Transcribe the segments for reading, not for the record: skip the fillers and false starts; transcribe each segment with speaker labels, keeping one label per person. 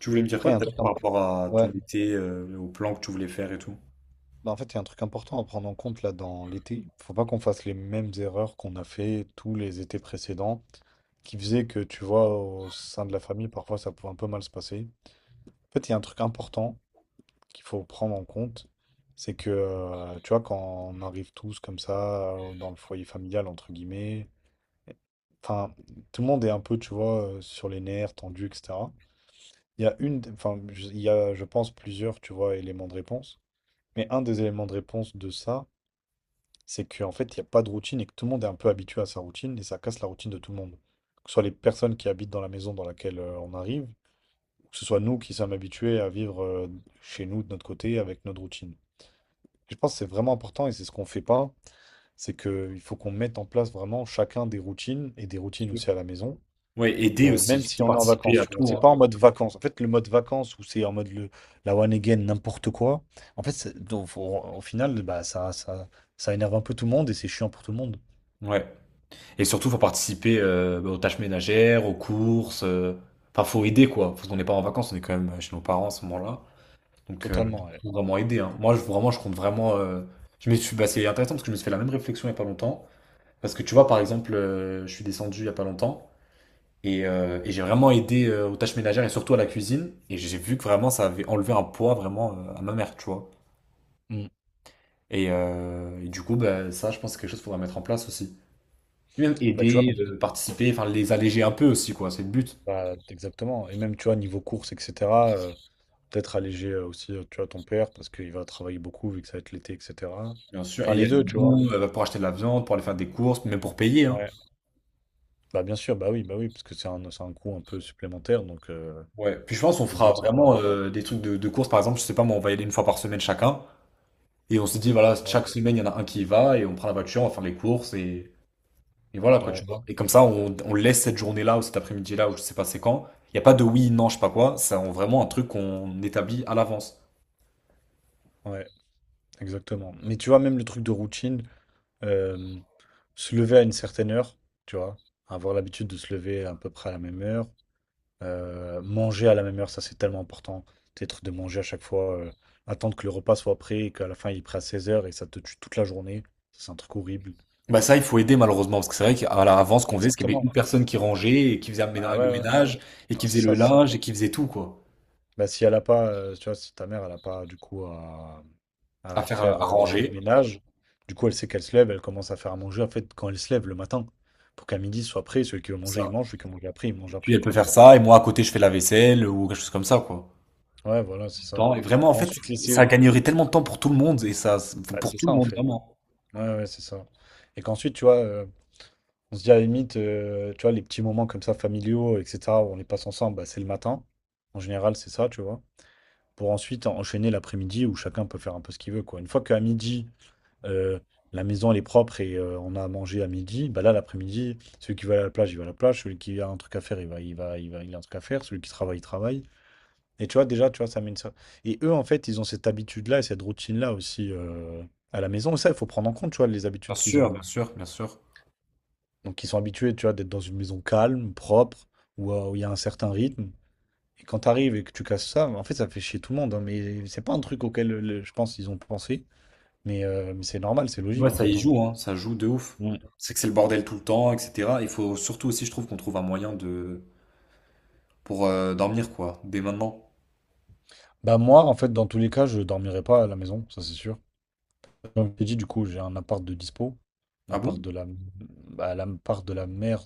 Speaker 1: Tu voulais me dire quoi
Speaker 2: Après, il y a
Speaker 1: tout
Speaker 2: un
Speaker 1: à
Speaker 2: truc,
Speaker 1: l'heure
Speaker 2: imp-
Speaker 1: par rapport à ton
Speaker 2: ouais.
Speaker 1: été, au plan que tu voulais faire et tout?
Speaker 2: Bah, en fait, il y a un truc important à prendre en compte là dans l'été. Faut pas qu'on fasse les mêmes erreurs qu'on a fait tous les étés précédents, qui faisaient que, tu vois, au sein de la famille, parfois ça pouvait un peu mal se passer. En fait, il y a un truc important qu'il faut prendre en compte, c'est que, tu vois, quand on arrive tous comme ça, dans le foyer familial, entre guillemets, enfin, tout le monde est un peu, tu vois, sur les nerfs, tendu, etc. Il y a, je pense, plusieurs, tu vois, éléments de réponse. Mais un des éléments de réponse de ça, c'est qu'en fait, il n'y a pas de routine et que tout le monde est un peu habitué à sa routine et ça casse la routine de tout le monde. Que ce soit les personnes qui habitent dans la maison dans laquelle on arrive, ou que ce soit nous qui sommes habitués à vivre chez nous de notre côté avec notre routine. Je pense que c'est vraiment important et c'est ce qu'on fait pas, c'est qu'il faut qu'on mette en place vraiment chacun des routines et des routines
Speaker 1: Sûr.
Speaker 2: aussi à la maison
Speaker 1: Ouais, aider aussi,
Speaker 2: même si
Speaker 1: surtout
Speaker 2: on est en
Speaker 1: participer
Speaker 2: vacances,
Speaker 1: à
Speaker 2: tu vois.
Speaker 1: tout,
Speaker 2: C'est
Speaker 1: hein.
Speaker 2: pas en mode vacances. En fait, le mode vacances où c'est en mode la one again, n'importe quoi. Donc au final, bah, ça énerve un peu tout le monde et c'est chiant pour tout le monde.
Speaker 1: Ouais. Et surtout, faut participer aux tâches ménagères, aux courses. Enfin, faut aider, quoi. Parce qu'on n'est pas en vacances, on est quand même chez nos parents à ce moment-là. Donc,
Speaker 2: Totalement, ouais.
Speaker 1: faut vraiment aider, hein. Moi, je, vraiment, je compte vraiment. Bah, c'est intéressant parce que je me suis fait la même réflexion il y a pas longtemps. Parce que tu vois, par exemple, je suis descendu il y a pas longtemps. Et j'ai vraiment aidé aux tâches ménagères et surtout à la cuisine. Et j'ai vu que vraiment ça avait enlevé un poids vraiment à ma mère, tu vois.
Speaker 2: Mm.
Speaker 1: Et du coup, bah, ça, je pense que c'est quelque chose qu'il faudra mettre en place aussi. Lui même
Speaker 2: Bah, tu vois, bah,
Speaker 1: aider, participer, enfin les alléger un peu aussi, quoi. C'est le but,
Speaker 2: exactement. Et même, tu vois, niveau courses, etc., euh, peut-être alléger aussi, tu vois, ton père parce qu'il va travailler beaucoup vu que ça va être l'été, etc.
Speaker 1: bien sûr. Et
Speaker 2: Enfin,
Speaker 1: il y
Speaker 2: les
Speaker 1: a des
Speaker 2: deux, tu vois.
Speaker 1: bons bah, pour acheter de la viande, pour aller faire des courses, même pour payer, hein.
Speaker 2: Ouais. Bah, bien sûr, bah oui, parce que c'est un coût un peu supplémentaire. Donc,
Speaker 1: Ouais. Puis je pense qu'on
Speaker 2: le
Speaker 1: fera
Speaker 2: but, c'est
Speaker 1: vraiment
Speaker 2: pas.
Speaker 1: des trucs de courses, par exemple, je sais pas, moi, on va y aller une fois par semaine chacun. Et on se dit, voilà,
Speaker 2: Ouais,
Speaker 1: chaque semaine, il y en a un qui y va et on prend la voiture, on va faire les courses Et voilà, quoi, tu
Speaker 2: ouais,
Speaker 1: vois. Et comme ça, on laisse cette journée-là ou cet après-midi-là ou je sais pas c'est quand. Il n'y a pas de oui, non, je sais pas quoi. C'est vraiment un truc qu'on établit à l'avance.
Speaker 2: ouais. Exactement. Mais tu vois, même le truc de routine, euh, se lever à une certaine heure, tu vois, avoir l'habitude de se lever à peu près à la même heure, manger à la même heure, ça c'est tellement important. Peut-être de manger à chaque fois, attendre que le repas soit prêt et qu'à la fin il est prêt à 16 heures et ça te tue toute la journée. Ça, c'est un truc horrible.
Speaker 1: Bah ça, il faut aider malheureusement, parce que c'est vrai qu'à l'avance, ce qu'on faisait, c'est qu'il y avait
Speaker 2: Exactement.
Speaker 1: une personne qui rangeait et qui faisait le
Speaker 2: Ah ouais, ouais, ouais.
Speaker 1: ménage et
Speaker 2: Non,
Speaker 1: qui
Speaker 2: c'est
Speaker 1: faisait le
Speaker 2: ça, c'est ça.
Speaker 1: linge et qui faisait tout, quoi.
Speaker 2: Bah, si elle a pas, tu vois, si ta mère, elle a pas du coup à
Speaker 1: À faire,
Speaker 2: faire
Speaker 1: à
Speaker 2: le
Speaker 1: ranger,
Speaker 2: ménage, du coup, elle sait qu'elle se lève, elle commence à faire à manger en fait quand elle se lève le matin, pour qu'à midi ce soit prêt. Celui qui veut manger, il
Speaker 1: ça.
Speaker 2: mange, celui qui veut manger après, il mange
Speaker 1: Et puis
Speaker 2: après,
Speaker 1: elle peut
Speaker 2: quoi.
Speaker 1: faire ça et moi à côté, je fais la vaisselle ou quelque chose comme ça, quoi.
Speaker 2: Ouais, voilà, c'est ça.
Speaker 1: Temps et vraiment, en
Speaker 2: Pour
Speaker 1: fait,
Speaker 2: ensuite
Speaker 1: ça
Speaker 2: laisser.
Speaker 1: gagnerait tellement de temps pour tout le monde et ça,
Speaker 2: Bah,
Speaker 1: pour
Speaker 2: c'est
Speaker 1: tout
Speaker 2: ça
Speaker 1: le
Speaker 2: en
Speaker 1: monde,
Speaker 2: fait.
Speaker 1: vraiment.
Speaker 2: Ouais, ouais, c'est ça. Et qu'ensuite, tu vois, on se dit à la limite, tu vois, les petits moments comme ça, familiaux, etc., où on les passe ensemble, bah, c'est le matin. En général, c'est ça, tu vois. Pour ensuite enchaîner l'après-midi où chacun peut faire un peu ce qu'il veut, quoi. Une fois qu'à midi, euh, la maison elle est propre et on a à manger à midi, bah là l'après-midi, celui qui va à la plage, il va à la plage, celui qui a un truc à faire, il va, il a un truc à faire, celui qui travaille, il travaille. Et tu vois, déjà, tu vois, ça mène ça. Et eux, en fait, ils ont cette habitude-là et cette routine-là aussi à la maison. Et ça, il faut prendre en compte, tu vois, les
Speaker 1: Bien
Speaker 2: habitudes qu'ils ont.
Speaker 1: sûr, bien sûr, bien sûr.
Speaker 2: Donc, ils sont habitués, tu vois, d'être dans une maison calme, propre, où il y a un certain rythme. Et quand tu arrives et que tu casses ça, en fait, ça fait chier tout le monde, hein. Mais c'est pas un truc auquel, je pense, ils ont pensé. Mais c'est normal, c'est
Speaker 1: Ouais,
Speaker 2: logique, en
Speaker 1: ça y
Speaker 2: fait, hein.
Speaker 1: joue, hein, ça joue de ouf.
Speaker 2: Mm.
Speaker 1: C'est que c'est le bordel tout le temps, etc. Il faut surtout aussi, je trouve, qu'on trouve un moyen de pour dormir, quoi, dès maintenant.
Speaker 2: Bah moi, en fait, dans tous les cas, je dormirai pas à la maison, ça c'est sûr. Comme je t'ai dit, du coup, j'ai un appart de dispo.
Speaker 1: Ah bon?
Speaker 2: L'appart de la mère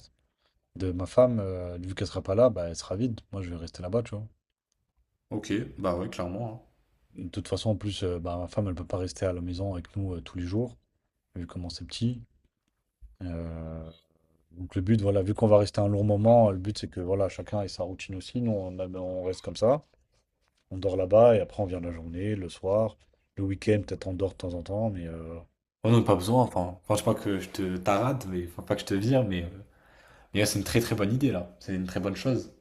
Speaker 2: de ma femme, vu qu'elle sera pas là, bah, elle sera vide. Moi, je vais rester là-bas, tu vois.
Speaker 1: Ok, bah ouais, clairement, hein.
Speaker 2: De toute façon, en plus, bah, ma femme, elle peut pas rester à la maison avec nous tous les jours, vu comment c'est petit. Euh, donc le but, voilà, vu qu'on va rester un long moment, le but c'est que voilà, chacun ait sa routine aussi. On reste comme ça. On dort là-bas et après on vient la journée, le soir, le week-end, peut-être on dort de temps en temps, mais
Speaker 1: On n'a pas besoin, enfin, je sais pas que je te tarade, mais enfin, pas que je te vire, mais ouais, c'est une très très bonne idée, là. C'est une très bonne chose.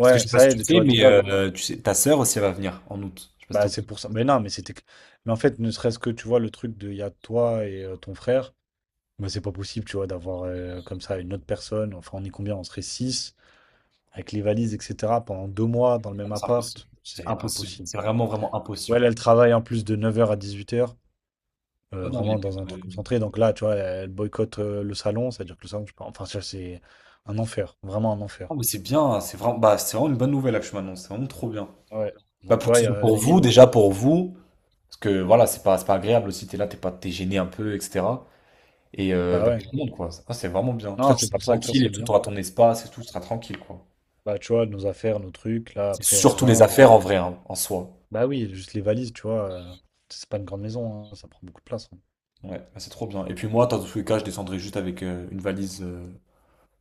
Speaker 1: Parce que je sais pas si
Speaker 2: ça
Speaker 1: tu
Speaker 2: aide, tu
Speaker 1: sais,
Speaker 2: vois,
Speaker 1: mais
Speaker 2: déjà,
Speaker 1: tu sais, ta sœur aussi, elle va venir en août. Je sais pas si t'es
Speaker 2: bah,
Speaker 1: au
Speaker 2: c'est
Speaker 1: courant,
Speaker 2: pour ça. Mais non, mais c'était. Que- Mais en fait, ne serait-ce que, tu vois, le truc de il y a toi et ton frère, bah, c'est pas possible, tu vois, d'avoir comme ça une autre personne. Enfin, on est combien? On serait 6, avec les valises, etc., pendant 2 mois dans le même
Speaker 1: c'est impossible.
Speaker 2: appart.
Speaker 1: C'est
Speaker 2: C'est
Speaker 1: impossible.
Speaker 2: impossible.
Speaker 1: C'est vraiment, vraiment
Speaker 2: Ouais,
Speaker 1: impossible.
Speaker 2: là, elle travaille en plus de 9 heures à 18h,
Speaker 1: Bah non, il y
Speaker 2: vraiment dans un
Speaker 1: a pas
Speaker 2: truc
Speaker 1: de-
Speaker 2: concentré. Donc là, tu vois, elle boycotte le salon, c'est-à-dire que le salon, je sais enfin, ça, c'est un enfer, vraiment un enfer.
Speaker 1: Ah, mais c'est bien, hein. C'est vraiment, bah, c'est vraiment une bonne nouvelle, là, que je m'annonce. C'est vraiment trop bien.
Speaker 2: Ouais.
Speaker 1: Bah,
Speaker 2: Donc, tu
Speaker 1: pour que
Speaker 2: vois, il
Speaker 1: ce
Speaker 2: y
Speaker 1: soit
Speaker 2: a la
Speaker 1: pour vous,
Speaker 2: limite.
Speaker 1: déjà pour vous, parce que voilà, c'est pas agréable aussi, t'es là, t'es pas, t'es gêné un peu, etc. Et
Speaker 2: Bah
Speaker 1: bah, pour
Speaker 2: ouais.
Speaker 1: tout le monde, quoi. Ça, c'est vraiment bien.
Speaker 2: Non,
Speaker 1: Toi, tu
Speaker 2: c'est
Speaker 1: seras
Speaker 2: pour ça que ça,
Speaker 1: tranquille et
Speaker 2: c'est
Speaker 1: tout,
Speaker 2: bien.
Speaker 1: t'auras ton espace et tout, tu seras tranquille, quoi.
Speaker 2: Bah, tu vois, nos affaires, nos trucs, là,
Speaker 1: C'est
Speaker 2: après, on
Speaker 1: surtout les
Speaker 2: vient,
Speaker 1: affaires en vrai, hein, en soi.
Speaker 2: bah oui, juste les valises, tu vois, c'est pas une grande maison, hein, ça prend beaucoup de place, hein.
Speaker 1: Ouais, bah, c'est trop bien. Et puis moi, dans tous les cas, je descendrai juste avec une valise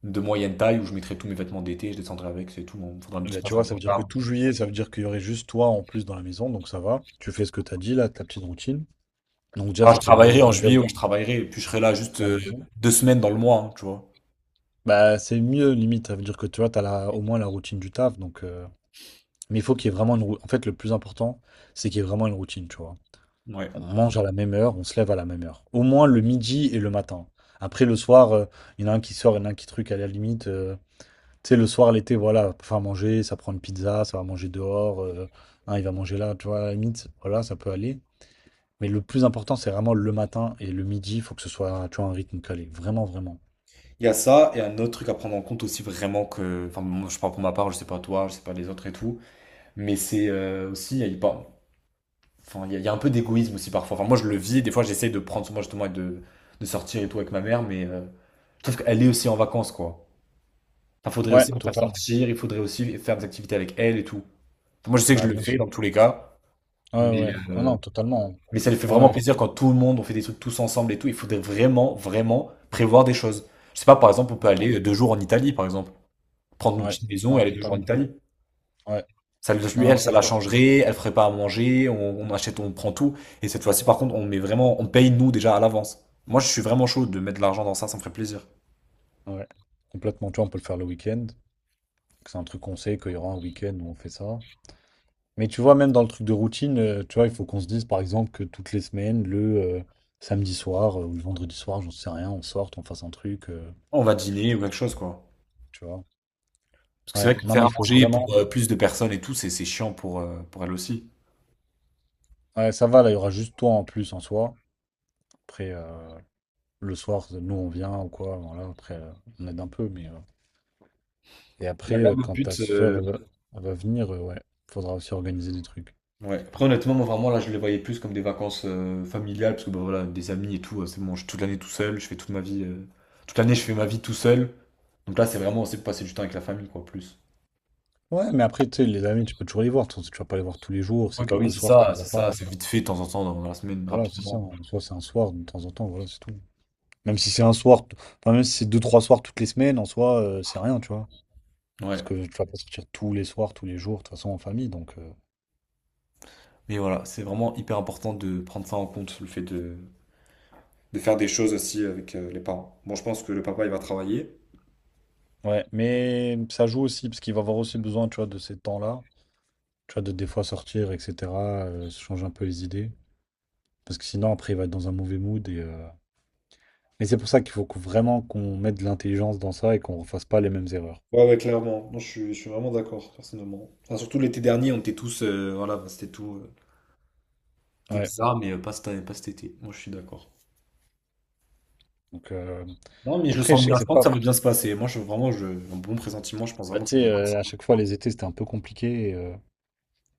Speaker 1: de moyenne taille où je mettrai tous mes vêtements d'été, je descendrai avec, c'est tout. Bon, faudra un
Speaker 2: Eh
Speaker 1: petit
Speaker 2: bien, tu
Speaker 1: passe.
Speaker 2: vois, ça veut dire que tout juillet, ça veut dire qu'il y aurait juste toi en plus dans la maison, donc ça va. Tu fais ce que t'as dit, là, ta petite routine. Donc déjà,
Speaker 1: Ah,
Speaker 2: ça
Speaker 1: je
Speaker 2: fait moins de
Speaker 1: travaillerai en juillet,
Speaker 2: bordel
Speaker 1: ouais, je travaillerai, et puis je serai là juste
Speaker 2: à la maison.
Speaker 1: 2 semaines dans le mois, hein, tu vois.
Speaker 2: Bah, c'est mieux, limite. Ça veut dire que tu vois, t'as la au moins la routine du taf, donc mais il faut qu'il y ait vraiment une routine. En fait, le plus important, c'est qu'il y ait vraiment une routine, tu vois.
Speaker 1: Ouais.
Speaker 2: On mange à la même heure, on se lève à la même heure. Au moins le midi et le matin. Après, le soir, il y en a un qui sort, il y en a un qui truc à la limite, tu sais, le soir, l'été, voilà, pour faire manger, ça prend une pizza, ça va manger dehors. Un, il va manger là, tu vois, à la limite, voilà, ça peut aller. Mais le plus important, c'est vraiment le matin et le midi, il faut que ce soit, tu vois, un rythme calé. Vraiment, vraiment.
Speaker 1: Il y a ça, et un autre truc à prendre en compte aussi vraiment que, enfin, moi, je parle pour ma part, je sais pas toi, je sais pas les autres et tout, mais c'est aussi, il y a, il par- enfin, il y a un peu d'égoïsme aussi parfois. Enfin, moi je le vis, des fois j'essaye de prendre soin de moi justement et de sortir et tout avec ma mère, mais je trouve qu'elle est aussi en vacances quoi. Il faudrait
Speaker 2: Ouais,
Speaker 1: aussi la faire
Speaker 2: totalement.
Speaker 1: sortir, il faudrait aussi faire des activités avec elle et tout. Enfin, moi je sais que je
Speaker 2: Bah,
Speaker 1: le
Speaker 2: bien
Speaker 1: fais
Speaker 2: sûr.
Speaker 1: dans tous les cas,
Speaker 2: Ouais,
Speaker 1: mais,
Speaker 2: ouais. Non,
Speaker 1: euh,
Speaker 2: non, totalement.
Speaker 1: mais ça lui fait
Speaker 2: Ouais,
Speaker 1: vraiment
Speaker 2: ouais.
Speaker 1: plaisir quand tout le monde, on fait des trucs tous ensemble et tout, il faudrait vraiment, vraiment prévoir des choses. Je sais pas, par exemple, on peut aller 2 jours en Italie par exemple. Prendre une
Speaker 2: Ouais.
Speaker 1: petite maison et
Speaker 2: Non,
Speaker 1: aller 2 jours en
Speaker 2: totalement.
Speaker 1: Italie.
Speaker 2: Ouais.
Speaker 1: Ça,
Speaker 2: Non,
Speaker 1: lui,
Speaker 2: non,
Speaker 1: elle, ça
Speaker 2: ça,
Speaker 1: la
Speaker 2: je crois.
Speaker 1: changerait, elle ferait pas à manger, on achète, on prend tout. Et cette fois-ci, par contre, on met vraiment, on paye nous déjà à l'avance. Moi, je suis vraiment chaud de mettre de l'argent dans ça, ça me ferait plaisir.
Speaker 2: Ouais. Complètement. Tu vois, on peut le faire le week-end. C'est un truc qu'on sait qu'il y aura un week-end où on fait ça. Mais tu vois, même dans le truc de routine, tu vois, il faut qu'on se dise par exemple que toutes les semaines, le samedi soir ou le vendredi soir, j'en sais rien, on sorte, on fasse un truc,
Speaker 1: On va dîner ou quelque chose, quoi.
Speaker 2: tu vois.
Speaker 1: Parce que c'est vrai
Speaker 2: Ouais,
Speaker 1: que
Speaker 2: non, mais
Speaker 1: faire à
Speaker 2: il faut
Speaker 1: manger pour
Speaker 2: vraiment.
Speaker 1: plus de personnes et tout, c'est chiant pour elle aussi.
Speaker 2: Ouais, ça va, là, il y aura juste toi en plus en soi. Après, le soir, nous, on vient ou quoi, voilà, après, on aide un peu, mais et après,
Speaker 1: Ouais, là, le
Speaker 2: quand ta
Speaker 1: but,
Speaker 2: soeur va, elle va venir, ouais, faudra aussi organiser des trucs.
Speaker 1: ouais. Après, honnêtement, moi, vraiment, là, je les voyais plus comme des vacances familiales, parce que, bah, voilà, des amis et tout, c'est bon, je suis toute l'année tout seul, je fais toute ma vie, toute l'année, je fais ma vie tout seul. Donc là, c'est vraiment aussi pour passer du temps avec la famille, quoi, plus.
Speaker 2: Ouais, mais après, tu sais, les amis, tu peux toujours les voir. Tu vas pas les voir tous les jours, c'est
Speaker 1: Oui, bah oui,
Speaker 2: quelques
Speaker 1: c'est
Speaker 2: soirs, de
Speaker 1: ça,
Speaker 2: temps en
Speaker 1: c'est ça,
Speaker 2: temps.
Speaker 1: c'est vite fait de temps en temps dans la semaine,
Speaker 2: Voilà, c'est ça.
Speaker 1: rapidement.
Speaker 2: En soi, c'est un soir de temps en temps, voilà, c'est tout. Même si c'est un soir, t- enfin, même si c'est deux, trois soirs toutes les semaines, en soi, c'est rien, tu vois. Parce
Speaker 1: Ouais.
Speaker 2: que tu vas pas sortir tous les soirs, tous les jours, de toute façon, en famille, donc
Speaker 1: Mais voilà, c'est vraiment hyper important de prendre ça en compte, le fait de faire des choses aussi avec les parents. Bon, je pense que le papa, il va travailler.
Speaker 2: ouais, mais ça joue aussi, parce qu'il va avoir aussi besoin, tu vois, de ces temps-là. Tu vois, de des fois sortir, etc., se changer un peu les idées. Parce que sinon, après, il va être dans un mauvais mood et et c'est pour ça qu'il vraiment qu'on mette de l'intelligence dans ça et qu'on ne refasse pas les mêmes erreurs.
Speaker 1: Ouais, ouais, clairement. Non, je suis vraiment d'accord, personnellement. Enfin, surtout l'été dernier, on était tous. Voilà, bah, c'était tout. C'était
Speaker 2: Ouais.
Speaker 1: bizarre, mais pas cet, pas cet été. Moi, je suis d'accord.
Speaker 2: Donc,
Speaker 1: Non, mais je le
Speaker 2: après,
Speaker 1: sens
Speaker 2: je sais que
Speaker 1: bien. Je
Speaker 2: c'est
Speaker 1: pense que
Speaker 2: pas.
Speaker 1: ça va bien se passer. Moi, je, vraiment, je, un bon pressentiment, je pense
Speaker 2: Bah,
Speaker 1: vraiment que
Speaker 2: tu
Speaker 1: ça
Speaker 2: sais,
Speaker 1: peut passer.
Speaker 2: à chaque fois, les étés, c'était un peu compliqué.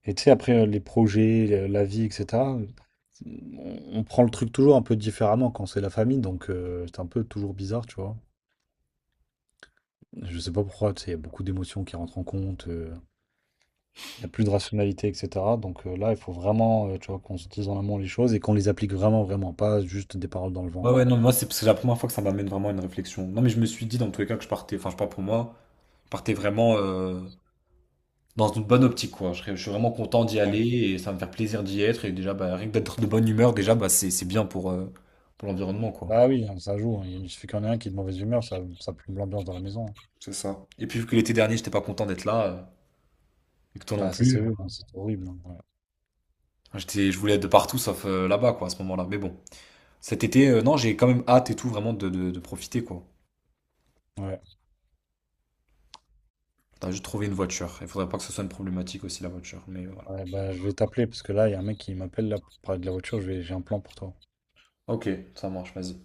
Speaker 2: Et tu sais, après, les projets, la vie, etc., on on prend le truc toujours un peu différemment quand c'est la famille, donc c'est un peu toujours bizarre, tu vois. Je sais pas pourquoi, tu sais, il y a beaucoup d'émotions qui rentrent en compte, il y a plus de rationalité, etc. Donc là, il faut vraiment, tu vois, qu'on se dise en amont les choses et qu'on les applique vraiment, vraiment, pas juste des paroles dans le vent,
Speaker 1: Ouais, ouais,
Speaker 2: quoi.
Speaker 1: non, moi, c'est la première fois que ça m'amène vraiment à une réflexion. Non, mais je me suis dit, dans tous les cas, que je partais. Enfin, je sais pas pour moi. Partez vraiment dans une bonne optique, quoi. Je suis vraiment content d'y aller
Speaker 2: Ouais.
Speaker 1: et ça va me faire plaisir d'y être. Et déjà, bah, rien que d'être de bonne humeur, déjà, bah, c'est bien pour l'environnement, quoi.
Speaker 2: Bah oui, hein, ça joue, hein. Il suffit qu'il y en ait un qui est de mauvaise humeur, ça plombe l'ambiance dans la maison, hein.
Speaker 1: C'est ça. Et puis, vu que l'été dernier, j'étais pas content d'être là, et que toi non
Speaker 2: Bah ça s'est
Speaker 1: plus,
Speaker 2: vu, hein, c'est horrible, hein.
Speaker 1: j'étais, je voulais être de partout sauf là-bas, quoi, à ce moment-là. Mais bon, cet été, non, j'ai quand même hâte et tout, vraiment, de profiter, quoi.
Speaker 2: Ouais. Ouais.
Speaker 1: T'as juste trouvé une voiture. Il faudrait pas que ce soit une problématique aussi, la voiture. Mais voilà.
Speaker 2: Ouais, bah, je vais t'appeler parce que là, il y a un mec qui m'appelle là pour parler de la voiture, j'ai un plan pour toi.
Speaker 1: Ok, ça marche, vas-y.